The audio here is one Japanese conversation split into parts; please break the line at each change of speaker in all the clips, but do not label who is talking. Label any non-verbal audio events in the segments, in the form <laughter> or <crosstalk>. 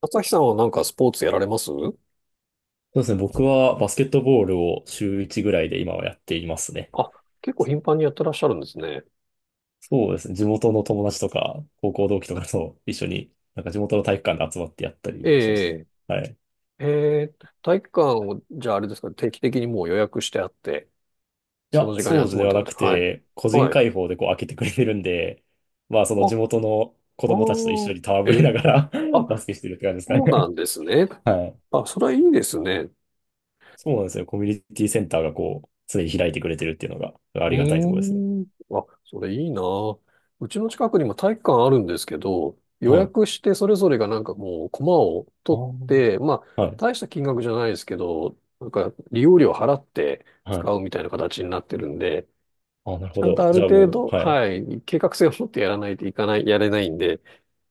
朝日さんはなんかスポーツやられます？
そうですね。僕はバスケットボールを週1ぐらいで今はやっていますね。
あ、結構頻繁にやってらっしゃるんですね。
そうですね。地元の友達とか、高校同期とかと一緒に、なんか地元の体育館で集まってやった
え
りはしますね。
え、
はい。い
ええ、体育館を、じゃああれですか、定期的にもう予約してあって、そ
や、
の時間
掃
に集
除
ま
で
るっ
は
て感
な
じ。
く
はい。
て、個人
はい。
開放でこう開けてくれてるんで、まあその地
あ、
元の子
ああ、
供たちと一緒に戯
え
れな
え、
がら
あ、
<laughs> バスケしてるって感じです
そう
か
な
ね。
んですね。
はい。
あ、それはいいですね。
そうなんですよ。コミュニティセンターがこう、常に開いてくれてるっていうのがあ
う
りがたいところですね。
ーん。あ、それいいな。うちの近くにも体育館あるんですけど、予
はい。
約してそれぞれがなんかもうコマを取って、
あ
まあ、
あ。はい。
大した金額じゃないですけど、なんか利用料払って
は
使
い。
うみたいな形になってるんで、
あ、なる
ち
ほ
ゃんと
ど。
ある
じゃあ
程
も
度、
う、はい。
はい、計画性を持ってやらないといかない、やれないんで、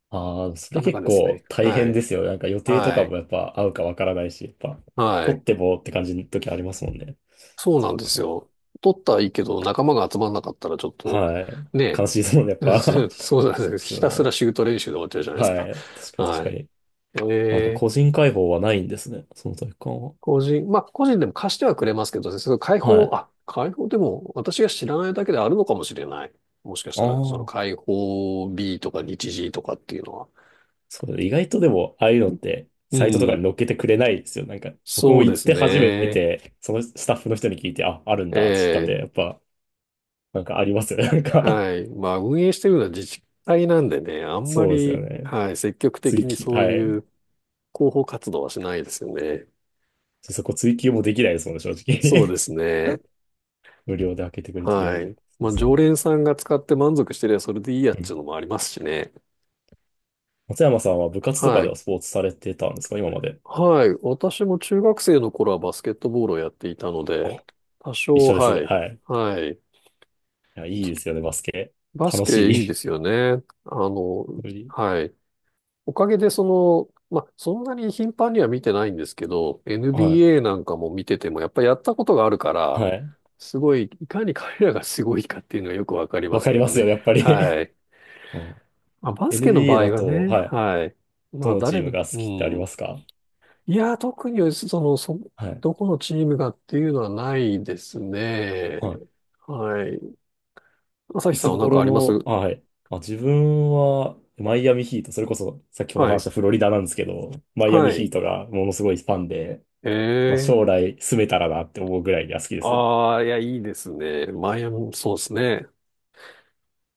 ああ、そ
な
れ
かなか
結
ですね。
構大
は
変
い。
ですよ。なんか予定と
は
か
い。
もやっぱ合うかわからないし、やっぱ、
は
取
い。
ってもって感じの時ありますもんね。
そう
そ
なんで
っ
す
か。
よ。取ったはいいけど、仲間が集まんなかったらちょっと、
はい。
ね。
悲しいですもんね、やっぱ。
<laughs> そう
<laughs>
なん
そ
で
うで
す。
す
ひ
よ
たすら
ね。
シュート練習で終わっちゃうじゃないです
は
か。
い。確かに確
は
か
い。
に。
え
なんか個
ー、
人解放はないんですね。その体育館は。
まあ、個人でも貸してはくれますけどね、その
はい。あ
開放でも私が知らないだけであるのかもしれない。もしかしたら、その
あ。
開放 B とか日時とかっていうのは。
そう意外とでも、ああいうのって、
う
サイトとかに
ん、
載っけてくれないですよ。なんか、僕
そ
も
うで
行っ
す
て初め
ね。
て、そのスタッフの人に聞いて、あ、あるんだって知ったんで、
ええ、
やっぱ、なんかありますよね。なんか
はい。まあ、運営してるのは自治体なんでね、あ
<laughs>、
んま
そうですよ
り、
ね。
はい、積極的
追
に
記、
そう
は
い
い。
う広報活動はしないですよね。
そこ追記もできないですもんね、正
そうで
直。
すね。
<laughs> 無料で開けてくれてるの
は
に。
い。
そ
ま
う
あ、
そ
常
う。
連さんが使って満足してりゃそれでいいやっ
う
ちゅう
ん。
のもありますしね。
松山さんは部活とか
は
で
い。
はスポーツされてたんですか、今まで。
はい。私も中学生の頃はバスケットボールをやっていたので、
あ、
多
一
少、
緒です
は
ね。
い。
はい。い
はい。
や、いいですよね、バスケ。
バス
楽
ケ
し
いいで
い。
すよね。あの、
<laughs> 無理
はい。おかげでその、まあ、そんなに頻繁には見てないんですけど、
はい。
NBA なんかも見てても、やっぱりやったことがあるから、
はい。
すごい、いかに彼らがすごいかっていうのがよくわかりま
わ
す
かり
けど
ますよ
ね。
ね、やっぱり。
は
<laughs>
い。
あ、
まあ、バスケの
NBA
場
だ
合は
と、
ね、
はい。
はい。
ど
まあ、
のチ
誰
ーム
も、
が好
う
きってあり
ん。
ますか？
いや、特に、その、
はい。
どこのチームがっていうのはないですね。
は
はい。朝
い。い
日さん
つ
は何か
頃
ありま
の、
す？
あ、はい。あ、自分は、マイアミヒート、それこそ先ほど
は
話し
い。
たフロリダなんですけど、マイア
は
ミヒ
い。
ートがものすごいファンで、まあ、
ええ。
将来住めたらなって思うぐらいには好きですね。
ああ、いや、いいですね。マイアミ、そうですね。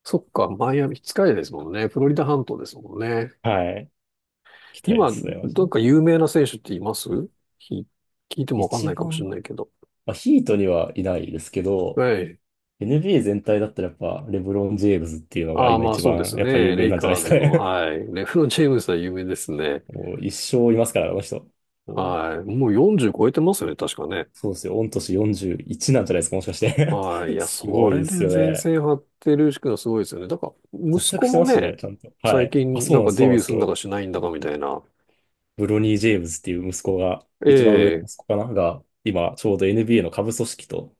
そっか、マイアミ、近いですもんね。フロリダ半島ですもんね。
はい。行きたいで
今、
すね、マジ
なん
で。
か有名な選手っています？ひ聞いてもわかん
一
ないかもしれ
番、
ないけど。
まあ、ヒートにはいないですけど、
はい。
NBA 全体だったらやっぱ、レブロン・ジェームズっていうのが
ああ、
今
まあ
一
そうで
番
す
やっぱ有
ね。
名
レイ
なんじゃない
カー
です
ズ
か
の、
ね。
はい。レブロン・ジェームスは有名ですね。
<laughs> もう一生いますから、あの人。こう
はい。もう40超えてますよね、確かね。
そうですよ。御年41なんじゃないですか、もしかして。
はい。い
<laughs>
や、
す
そ
ごい
れ
で
で
すよ
前
ね。
線張ってるしくはすごいですよね。だから、息
活躍
子
して
も
ますし
ね、
ね、ちゃんと。は
最
い。あ、
近
そう
なん
なんで
か
す、そ
デ
うな
ビ
ん
ュ
で
ーす
す
るんだ
よ。
かしないんだかみたいな。
ブロニー・ジェームズっていう息子が、
え
一番上の息
え。
子かなが、今、ちょうど NBA の下部組織と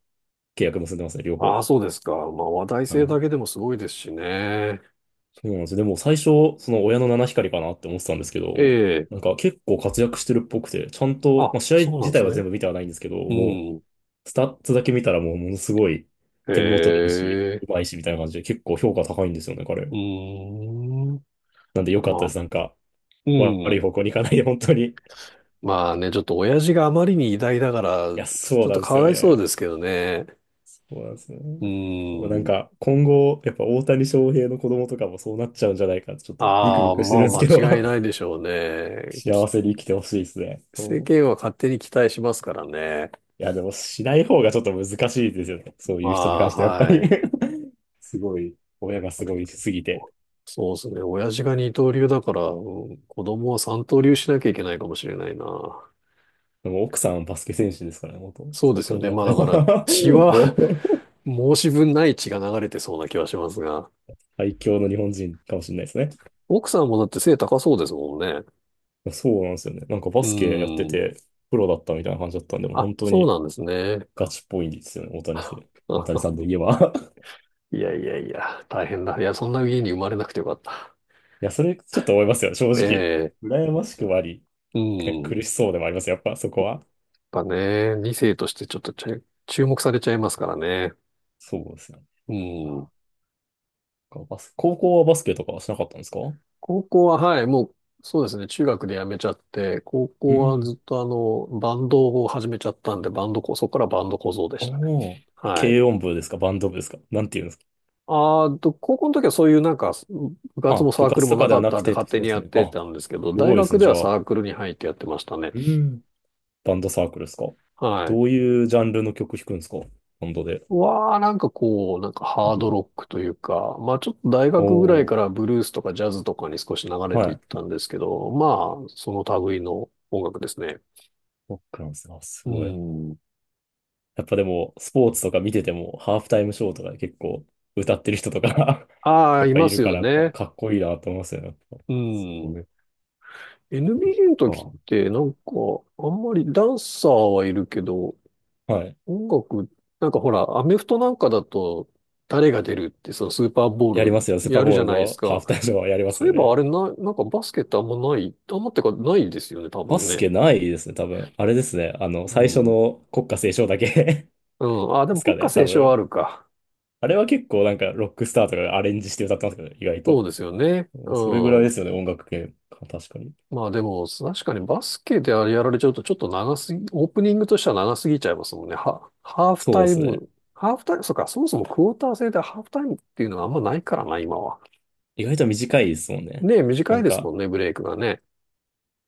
契約結んでますね、両
ああ、
方。
そうですか。まあ話題
は
性だ
い。
けでもすごいですしね。
そうなんですよ。でも最初、その親の七光りかなって思ってたんですけ
え
ど、
え。
なんか結構活躍してるっぽくて、ちゃんと、
あ、
まあ、試合
そうなん
自
で
体
す
は
ね。
全部見てはないんですけど、
う
もう、
ん。
スタッツだけ見たらもうものすごい
え
点も取れるし、
え。
うまいしみたいな感じで結構評価高いんですよね、彼。
うーん。
なんで良かったで
まあ、
す。なんか、
う
悪い
ん。
方向に行かないで、本当に。い
まあね、ちょっと親父があまりに偉大だから、
や、
ち
そう
ょっ
な
と
んで
か
すよ
わいそう
ね。
ですけどね。
そうなんですよね。
う
なん
ーん。
か、今後、やっぱ大谷翔平の子供とかもそうなっちゃうんじゃないかって、ちょっとビク
あ
ビ
あ、
クして
ま
るん
あ
ですけど。
間違いないでしょうね。
幸せに生きてほしいですね。う
世
ん。
間は勝手に期待しますからね。
いや、でもしない方がちょっと難しいですよね。そう
ま
いう人に
あ、
関してはやっぱり
はい。
<laughs> すごい、親がすごいしすぎて。
そうですね。親父が二刀流だから、うん、子供は三刀流しなきゃいけないかもしれないな。
でも奥さんはバスケ選手ですからね、元。
そう
そ
で
う
すよ
考
ね。
え
まあ
た
だ
ら
から血
<laughs>
は、
もう、
<laughs> 申し分ない血が流れてそうな気はしますが。
最強の日本人かもしれないですね。
奥さんもだって背高そうですもんね。
いや、そうなんですよね。なんかバ
う
スケやって
ーん。
て、プロだったみたいな感じだったんで、もう
あ、
本当
そう
に
なんですね。
ガチっぽいんですよね、大谷選手。大谷
あ
さんといえば <laughs>
いやいやいや、大変だ。いや、そんな家に生まれなくてよかった。
いや、それちょっと思いますよ、正
え
直。
え、
羨ましくもあり、
う
ね、
ん。やっ
苦しそうでもあります、やっぱそこは。
ぱね、2世としてちょっと注目されちゃいますからね。
そうですよね。
う
わ
ん。
かバス、高校はバスケとかはしなかったんですか？
高校は、はい、もう、そうですね、中学で辞めちゃって、高
う
校は
ん。
ずっとあの、バンドを始めちゃったんで、バンドこ、そこからバンド小僧でしたね。
おー。
はい。
軽音部ですか、バンド部ですか、なんていうんですか？
あーと、高校の時はそういうなんか、部活も
あ、
サ
部
ークル
活
も
と
な
かで
か
は
っ
な
た
く
んで
て、
勝
そ
手
う
に
です
やっ
ね。
て
あ、
たんですけど、
す
大
ごいです
学
ね、
で
じ
は
ゃあ。
サークルに入ってやってましたね。
うん。バンドサークルですか？
はい。
どういうジャンルの曲弾くんですか？バンドで。
わあ、なんかこう、なんかハードロックというか、まあちょっと大学ぐらい
おー。
からブルースとかジャズとかに少し流れて
は
いっ
い。
たんですけど、まあその類の音楽ですね。
ロックなんですね。あ、す
う
ごい。
ん。
やっぱでも、スポーツとか見てても、ハーフタイムショーとかで結構歌ってる人とか
あ
<laughs>
あ、
やっ
い
ぱ
ま
いる
す
か
よ
ら、やっぱ
ね。
かっこいいなと思いますよね。やっぱ
う
す
ん。
ごい。
NBA の時っ
そっ
てなんか、あんまりダンサーはいるけど、
か。はい。
音楽、なんかほら、アメフトなんかだと、誰が出るって、そのスーパーボ
や
ー
りま
ル
すよ。スーパ
や
ー
る
ボ
じ
ー
ゃ
ル
ないです
のハー
か。
フタイムショーはやりま
そ
す
ういえ
よ
ばあ
ね。
れな、なんかバスケってあんまない、あんまってかないですよね、多
バ
分
ス
ね。
ケないですね、多分。あれですね。あの、
う
最初
ん。
の国歌斉唱だけ
うん。あ、
<laughs>
で
で
も
す
国
か
歌
ね、多
斉唱はあ
分。
るか。
あれは結構なんかロックスターとかがアレンジして歌ってますけど、意外
そう
と。
ですよね。う
それぐらいで
ん。
すよね、音楽系。確かに。
まあでも、確かにバスケであれやられちゃうとちょっと長すぎ、オープニングとしては長すぎちゃいますもんね。ハーフ
そ
タ
うで
イ
すね。
ム。ハーフタイム、そうか、そもそもクォーター制でハーフタイムっていうのはあんまないからな、今は。
意外と短いですもんね。
ねえ、
な
短い
ん
ですも
か、
んね、ブレイクがね。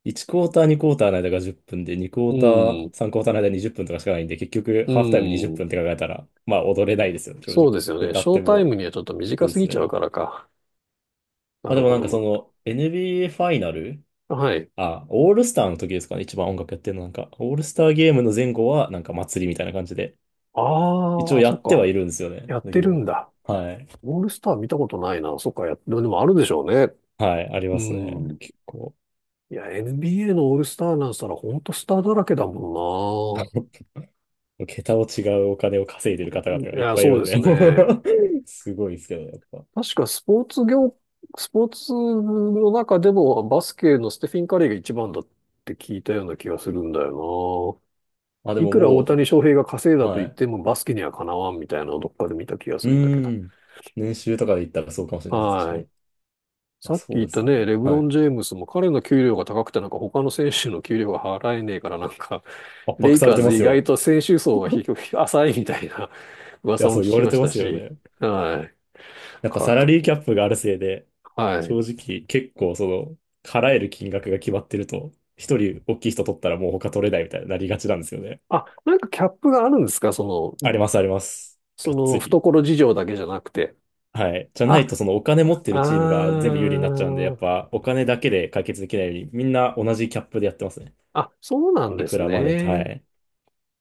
1クォーター、2クォーターの間が10分で、2クォ
う
ーター、
ん。
3クォーターの間20分とかしかないんで、結局、
う
ハーフタイム20
ん。
分っぷんって考えたら、まあ、踊れないですよね、正
そうで
直。
すよね。
歌
シ
っ
ョー
て
タイ
も、
ムにはちょっと
そ
短
うで
す
す
ぎちゃう
ね。
からか。な
まあ
る
でも
ほ
なんかそ
ど
の NBA ファイナル、
な。はい。
あ、オールスターの時ですかね、一番音楽やってるのなんか、オールスターゲームの前後はなんか祭りみたいな感じで、
あ
一
あ、
応
あ、
や
そっ
って
か。
はいるんですよね。
やっ
だ
て
け
るん
ど、
だ。
はい。
オールスター見たことないな。そっか、や、でもあるでしょうね。
はい、あり
う
ますね。
ん。
結構。
いや、NBA のオールスターなんしたらほんとスターだらけだも
<laughs> 桁を違うお金を稼いでる方々
ん
が
な。
いっ
いや、
ぱいい
そう
るん
です
で、
ね。
<laughs> すごいですけど、やっぱ。
確かスポーツの中でもバスケのステフィン・カリーが一番だって聞いたような気がするんだよ
あ、で
な。い
も
くら大
も
谷翔平が稼い
う、
だと
は
言っ
い。
てもバスケにはかなわんみたいなのをどっかで見た気がす
う
るんだけど。
ーん。年収とかで言ったらそうかもしれないです。確か
は
に。い
い。
や、
さっき
そ
言
う
っ
で
た
すよ
ね、
ね。
レブ
は
ロ
い。
ン・ジェームスも彼の給料が高くてなんか他の選手の給料が払えねえからなんか、
圧
レ
迫
イ
され
カー
てま
ズ
す
意外
よ。
と選手層が低く浅いみたいな <laughs>
い
噂
や、
も
そ
聞
う言わ
き
れ
ま
て
し
ま
た
すよ
し、
ね。
はい。
やっぱ
か
サラ
と、
リーキャップがあるせいで、
はい。
正直結構その、払える金額が決まってると、一人大きい人取ったらもう他取れないみたいになりがちなんですよね。
あ、なんかキャップがあるんですか？
あ
の、
りますあります。
そ
がっ
の
つり。
懐事情だけじゃなくて。
はい。じゃないと
あ、
そのお金持ってる
あ
チームが全部有利になっちゃうんで、やっ
ー、
ぱお金だけで解決できないように、みんな同じキャップでやってますね。
あ、そうなん
い
で
く
す
らまで、は
ね。
い。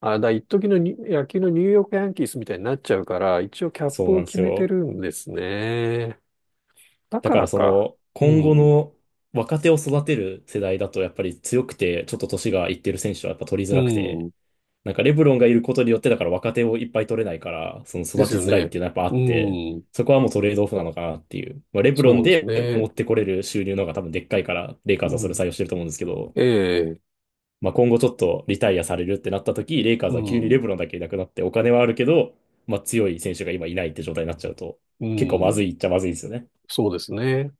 あ、一時のに野球のニューヨークヤンキースみたいになっちゃうから、一応キャッ
そう
プ
な
を
んで
決
す
めて
よ。
るんですね。だ
だ
か
か
ら
らそ
か。
の、
う
今後
ん。
の若手を育てる世代だとやっぱり強くて、ちょっと年がいってる選手はやっぱ取り
う
づらくて、
ん。
なんかレブロンがいることによって、だから若手をいっぱい取れないから、その
で
育
す
ち
よ
づらいっ
ね。
ていうのはやっぱ
う
あって、
ん。
そこはもうトレードオフなのかなっていう。まあ、レブロン
そうです
で持
ね。
ってこれる収入の方が多分でっかいから、レイカー
う
ズはそれ
ん。
採用してると思うんですけど、
ええ。
まあ、今後ちょっとリタイアされるってなった時、レイカー
う
ズは急にレ
ん。
ブロンだけいなくなって、お金はあるけど、まあ、強い選手が今いないって状態になっちゃうと、
う
結構ま
ん。
ずいっちゃまずいですよね。
そうですね。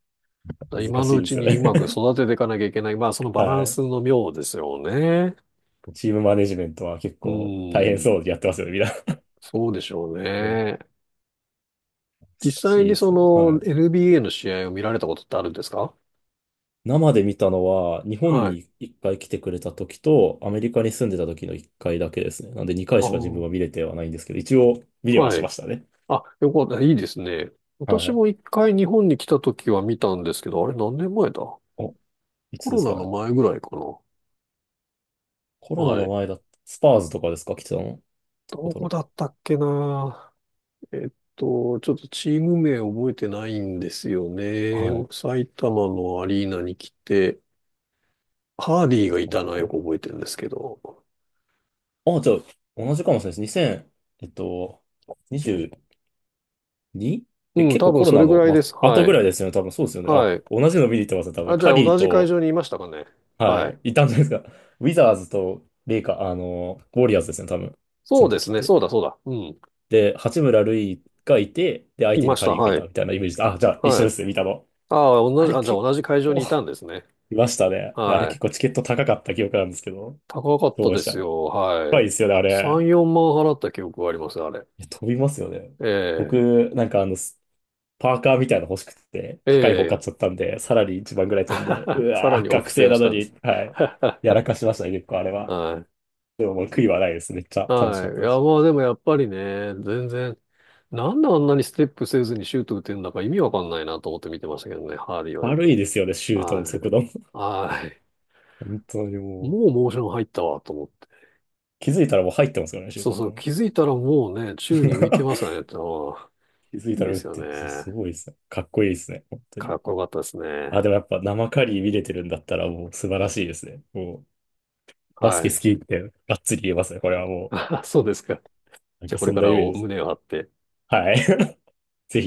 難
今の
しい
う
で
ち
すよ
にう
ね。
まく
<laughs>
育てていかなきゃいけない。まあ、その
は
バラン
い。
スの妙ですよね。
チームマネジメントは結
う
構大変
ん。
そうでやってますよね、みんな。
そうでしょう
<laughs> 難
ね。実
し
際
い
に
で
そ
すね。は
の
い。
NBA の試合を見られたことってあるんですか？
生で見たのは、日本
はい。
に一回来てくれた時と、アメリカに住んでた時の一回だけですね。なんで二回
あ
しか自分
ー、
は見れてはないんですけど、一応見れは
は
しま
い。
したね。
あ、よかった。いいですね。私
はい。
も一回日本に来た時は見たんですけど、あれ何年前だ？
お、い
コ
つで
ロ
す
ナ
か
の
ね。
前ぐらいかな。
コロナ
は
の
い。
前だった。スパーズとかですか、来てたの？どこ
ど
だ
こ
ろ
だったっけな。えっちょっとチーム名覚えてないんですよ
う。
ね。
はい。
埼玉のアリーナに来て、ハーディー
い
がい
たの
たのはよ
か。
く覚えてるんですけど。
あ、じゃあ、同じかもしれないです。2 0えっと、22? え、
うん、
結
多
構コ
分
ロ
そ
ナ
れぐ
の、
らい
ま、
です。
後
は
ぐ
い。
らいですよね。多分そうですよね。あ、
はい。
同じの見に行ってますね。多分。
あ、じゃ
カ
あ
リー
同じ会
と、
場にいましたかね。
は
はい。
い。いたんじゃないですか。ウィザーズとレイカー、あの、ウォリアーズですね、多分。そ
そう
の
で
時
す
っ
ね。
て。
そうだ、そうだ。うん。
で、八村塁がいて、で、相
い
手
ま
に
し
カ
た。
リーがい
は
た
い。
みたいなイメージで、あ、じゃあ一
は
緒で
い。
すね、見たの。
ああ、同
あ
じ、
れ
あ、じゃあ
結
同じ会場
構
にいたん
<laughs>
ですね。
いましたね。あれ
は
結構
い。
チケット高かった記憶なんですけど、
高かっ
ど
た
うで
で
し
す
た？
よ。は
高
い。
いですよね、あれ。
3、4万払った記憶があります、あれ。
いや飛びますよね。
え
僕、なんかあの、スパーカーみたいなの欲しくて、
え、え
高い方買っ
え、
ちゃったんで、さらに一番ぐらい飛んで、う
<laughs> さら
わ
に
ー、
お布
学
施
生
を
な
し
の
たんで
に、
す。
はい。やら
<laughs>
かしましたね、結構あれは。
はい。
でももう悔いはないです。めっちゃ楽し
は
かっ
い。
た
い
で
や、
す。
まあでもやっぱりね、全然、なんであんなにステップせずにシュート打てるんだか意味わかんないなと思って見てましたけどね、ハーリーはよ
悪いで
く。
すよね、シュートの
は
速度も。
い。はい。
<laughs> 本当にもう。
もうモーション入ったわと思って。
気づいたらもう入ってますよね、シュー
そ
ト
う
も
そう、
なん
気
か。
づいたらもうね、宙に浮いてますか
<laughs>
らね、ああ
気づい
い
た
い
ら
で
打っ
すよ
てる。すす
ね。
ごいですね。かっこいいですね、本当
か
に。
っこよかったですね。
あ、でもやっぱ生カリー見れてるんだったらもう素晴らしいですね。もう、バス
は
ケ好
い。
きってがっつり言えますね。これはも
<laughs> そうですか。
う、なん
じゃあ
か
これ
そん
か
なイ
ら
メージ
お
です。
胸を張って。
はい。<laughs> ぜひ。